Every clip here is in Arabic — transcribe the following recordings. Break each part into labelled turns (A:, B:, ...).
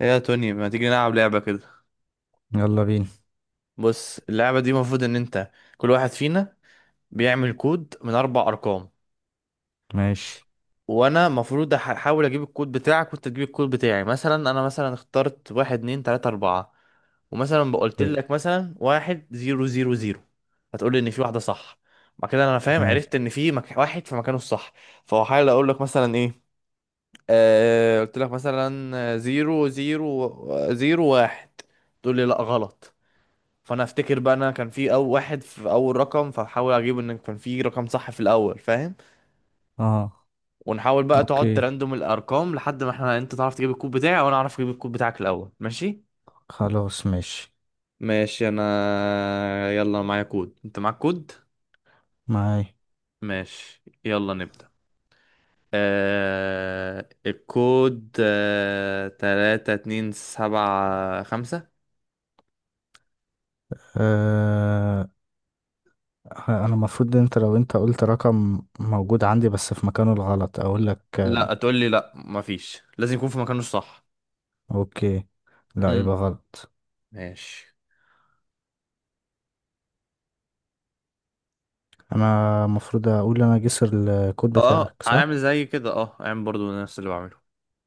A: ايه يا توني، ما تيجي نلعب لعبة كده؟
B: يلا بينا.
A: بص، اللعبة دي المفروض ان انت، كل واحد فينا بيعمل كود من اربع ارقام.
B: ماشي.
A: وانا المفروض احاول اجيب الكود بتاعك وانت تجيب الكود بتاعي. مثلا انا مثلا اخترت 1234، ومثلا بقولت
B: اوكي.
A: لك مثلا 1000، هتقول لي ان في واحدة صح. بعد كده انا فاهم،
B: ماشي.
A: عرفت ان في واحد في مكانه الصح. فهحاول اقول لك مثلا ايه. قلت لك مثلا، 0001. تقول لي لا، غلط. فانا افتكر بقى انا كان في اول واحد، في اول رقم، فحاول اجيب ان كان في رقم صح في الاول، فاهم.
B: اه.
A: ونحاول بقى، تقعد
B: اوكي.
A: تراندوم الارقام لحد ما انت تعرف تجيب الكود بتاعي وانا اعرف اجيب الكود بتاعك الاول، ماشي.
B: خلاص، ماشي.
A: ماشي، انا يلا معايا كود، انت معاك كود.
B: معاي.
A: ماشي، يلا نبدأ. الكود 3275.
B: آه، انا المفروض، انت لو انت قلت رقم موجود عندي بس في مكانه الغلط اقول لك آه؟
A: لا، تقول لي لا مفيش، لازم يكون في مكانه الصح.
B: اوكي. لا،
A: امم.
B: يبقى غلط.
A: ماشي.
B: انا المفروض اقول انا جسر. الكود
A: اه،
B: بتاعك صح.
A: هعمل زي كده، اه هعمل برضو نفس اللي بعمله.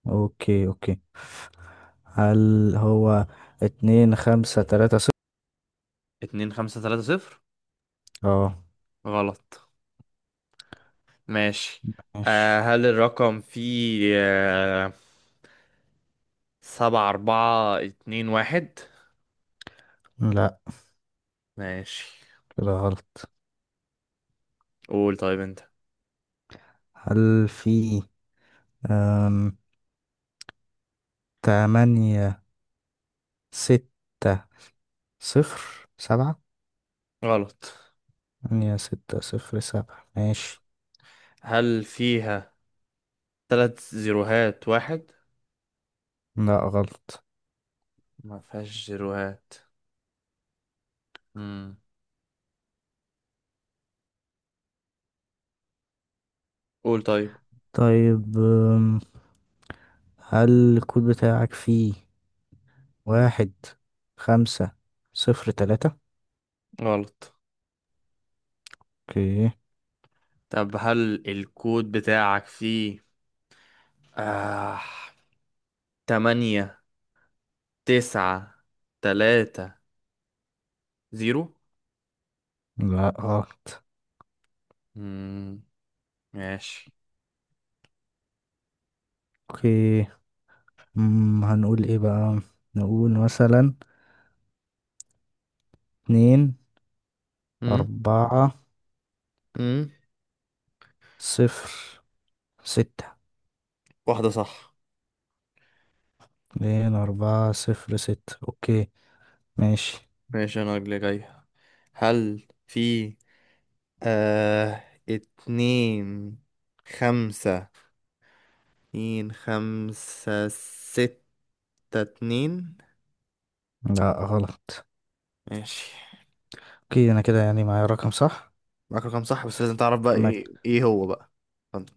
B: اوكي اوكي. هل هو 2530؟
A: 2530.
B: اه.
A: غلط. ماشي.
B: ماشي.
A: هل الرقم فيه 7421؟
B: لا،
A: ماشي.
B: كده غلط.
A: قول طيب انت.
B: هل في آم، 8607؟
A: غلط.
B: هي 607، ماشي.
A: هل فيها تلات زيروهات واحد؟
B: لا غلط.
A: ما فيهاش زيروهات. مم. قول طيب.
B: طيب، أم، هل الكود بتاعك فيه 1503؟
A: غلط.
B: اوكي.
A: طب هل الكود بتاعك فيه آه 8930؟
B: لا غلط.
A: مم. ماشي.
B: اوكي. هنقول ايه بقى؟ نقول مثلا اتنين
A: امم.
B: أربعة
A: امم.
B: صفر ستة
A: واحدة صح.
B: 2406، اوكي ماشي.
A: ماشي، أنا اللي جاي. هل في آه اتنين خمسة 2562؟
B: لا غلط.
A: ماشي
B: اوكي، انا كده يعني معايا رقم صح.
A: معاك رقم صح، بس لازم تعرف بقى
B: فما
A: ايه هو بقى. اتفضل.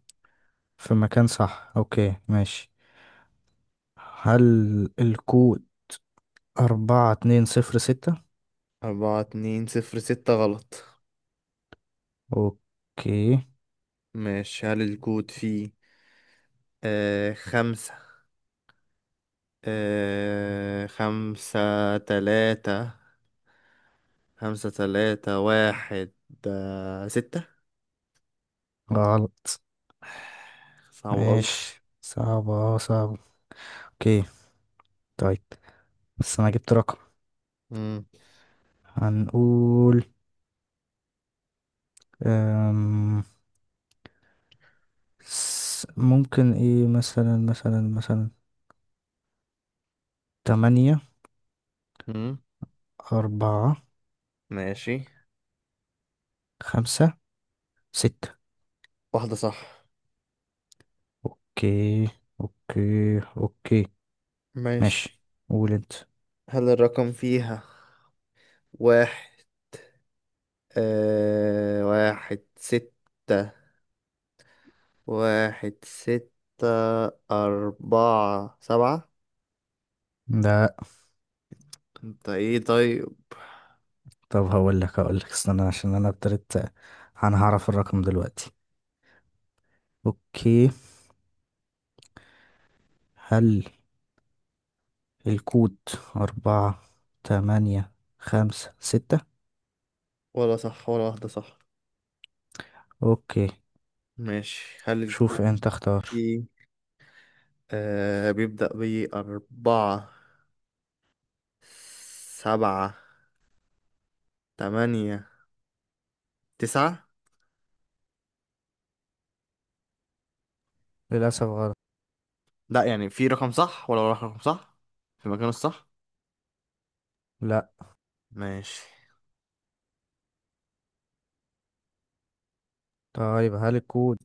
B: في مكان صح، اوكي ماشي. هل الكود 4206؟
A: 4206، غلط.
B: اوكي.
A: ماشي، هل الكود فيه آه خمسة خمسة تلاتة خمسة تلاتة واحد ستة؟
B: غلط.
A: صعب أوي.
B: ماشي، صعبة صعبة. اوكي. طيب، بس أنا جبت رقم.
A: مم.
B: هنقول أم... ممكن ايه، مثلا تمانية
A: مم.
B: أربعة
A: ماشي.
B: خمسة ستة
A: واحدة صح.
B: اوكي اوكي اوكي.
A: ماشي،
B: ماشي. قول انت.
A: هل الرقم فيها واحد آه واحد ستة 1647؟
B: ده؟
A: انت ايه طيب؟
B: طب، هقول لك استنى عشان انا ابتديت. انا هعرف الرقم دلوقتي. اوكي. هل الكود 4856؟
A: ولا صح ولا واحدة صح.
B: اوكي.
A: ماشي، هل
B: شوف
A: الكود
B: انت اختار.
A: فيه بيبدأ بـ4789؟
B: للأسف غلط.
A: لا، يعني في رقم صح ولا رقم صح في مكانه الصح.
B: لا.
A: ماشي.
B: طيب، هل الكود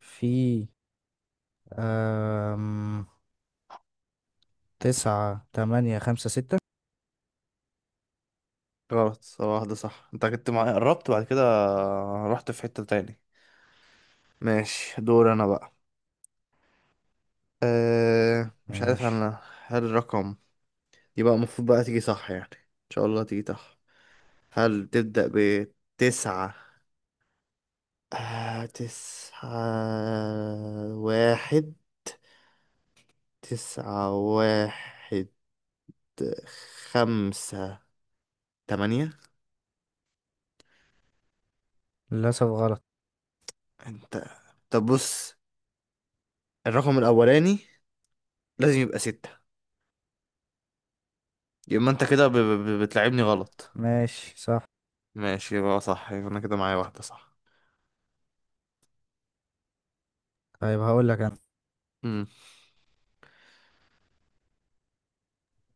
B: فيه أم... 9856؟
A: غلط. هو واحدة صح، انت كنت قربت، بعد كده رحت في حتة تاني. ماشي، دور انا بقى. مش عارف
B: ماشي.
A: انا. هل الرقم، يبقى المفروض بقى تيجي صح يعني، ان شاء الله تيجي صح. هل تبدأ بتسعة؟ آه... تسعة واحد 9158.
B: للأسف غلط.
A: انت. طب بص، الرقم الأولاني لازم يبقى ستة، يبقى أنت كده بتلعبني غلط.
B: ماشي. صح.
A: ماشي، يبقى صح، يبقى أنا كده معايا واحدة صح.
B: طيب هقول لك انا،
A: امم.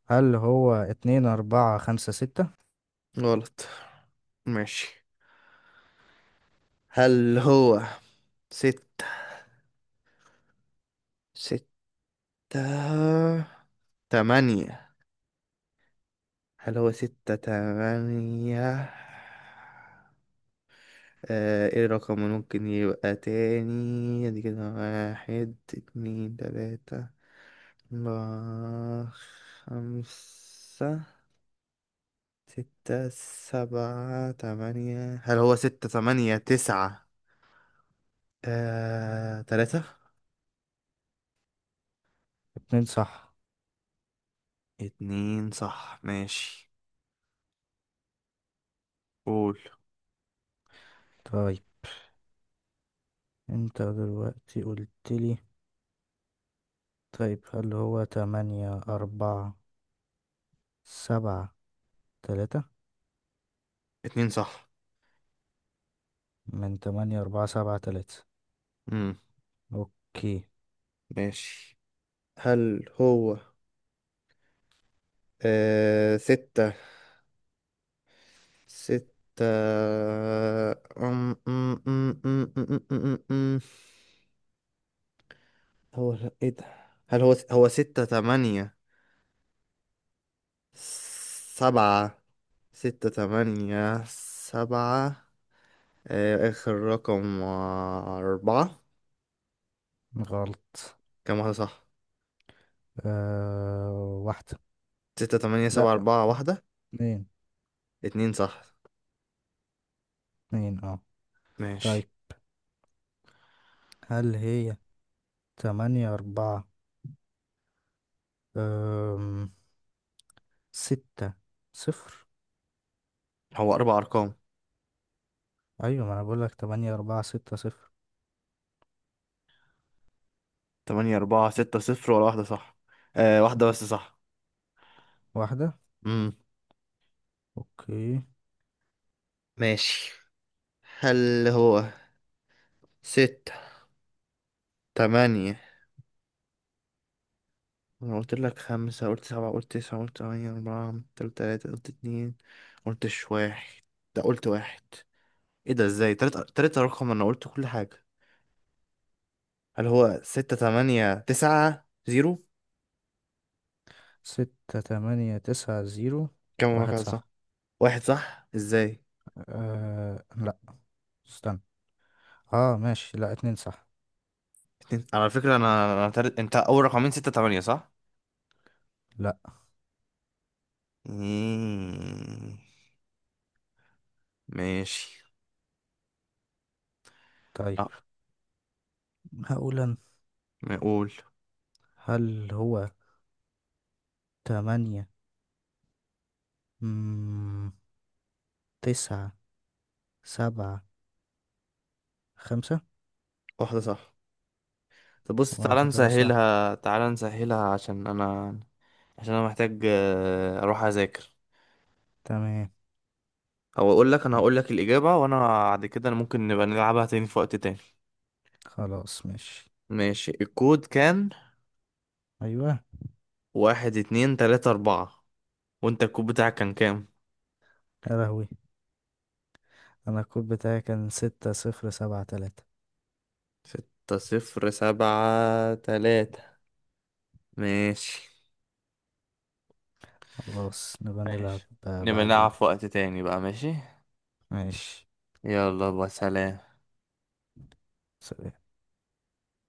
B: هل هو 2456؟
A: غلط. ماشي. هل هو ستة ستة تمانية؟ هل هو 68؟ ايه الرقم اللي ممكن يبقى تاني؟ ادي كده 12345678. هل هو 689؟ تلاتة.
B: اتنين صح.
A: اتنين صح، ماشي. قول.
B: طيب، انت دلوقتي قلتلي. طيب، هل هو 8473؟
A: اتنين صح.
B: من 8473.
A: مم.
B: اوكي.
A: ماشي. هل هو آه... ستة ستة، أم... أم... أم... أم... أم... أم... أم... هو لا، ايه ده! هل هو سبعة ستة تمانية سبعة، آخر رقم أربعة.
B: غلط.
A: كام واحدة صح؟
B: آه، واحدة.
A: ستة تمانية سبعة
B: لأ،
A: أربعة واحدة.
B: اتنين.
A: اتنين صح،
B: اتنين اه.
A: ماشي.
B: طيب، هل هي تمانية أربعة أم ستة صفر؟
A: هو أربع أرقام.
B: أيوة، ما أنا بقولك 8460.
A: 8460، ولا واحدة صح؟ واحدة بس صح.
B: واحدة.
A: مم.
B: اوكي.
A: ماشي. هل هو ستة تمانية؟ أنا قلت لك خمسة، قلت سبعة، قلت تسعة، قلت تمانية أربعة، قلت تلاتة، قلت اتنين، قلتش واحد. ده قلت واحد. ايه ده، ازاي تلات رقم، انا قلت كل حاجة! هل هو 6890؟
B: 6890.
A: كم
B: واحد
A: رقم صح؟
B: صح.
A: واحد صح، ازاي؟
B: أه لأ، استنى. اه ماشي. لا، اتنين صح.
A: اتنين على فكرة، انا انت اول رقمين 68 صح.
B: لا.
A: مم. ماشي.
B: طيب،
A: اه،
B: هقول انا.
A: نقول.
B: هل هو تمانية مم... تسعة سبعة خمسة؟
A: واحدة صح. طب بص، تعالى
B: واحدة صح.
A: نسهلها تعالى نسهلها، عشان انا، محتاج اروح اذاكر،
B: تمام.
A: او اقول لك انا
B: آه،
A: هقول لك الاجابة، وانا بعد كده ممكن نبقى نلعبها تاني في وقت تاني.
B: خلاص ماشي.
A: ماشي، الكود كان
B: ايوه.
A: 1234. وانت الكود بتاعك كان كام؟
B: يا لهوي. انا الكود بتاعي كان 6073.
A: 6073. ماشي.
B: خلاص، نبقى نلعب.
A: ماشي،
B: آه،
A: نبقى نلعب
B: بعدين.
A: في وقت تاني بقى. ماشي.
B: ماشي.
A: يلا بقى، سلام.
B: سلام.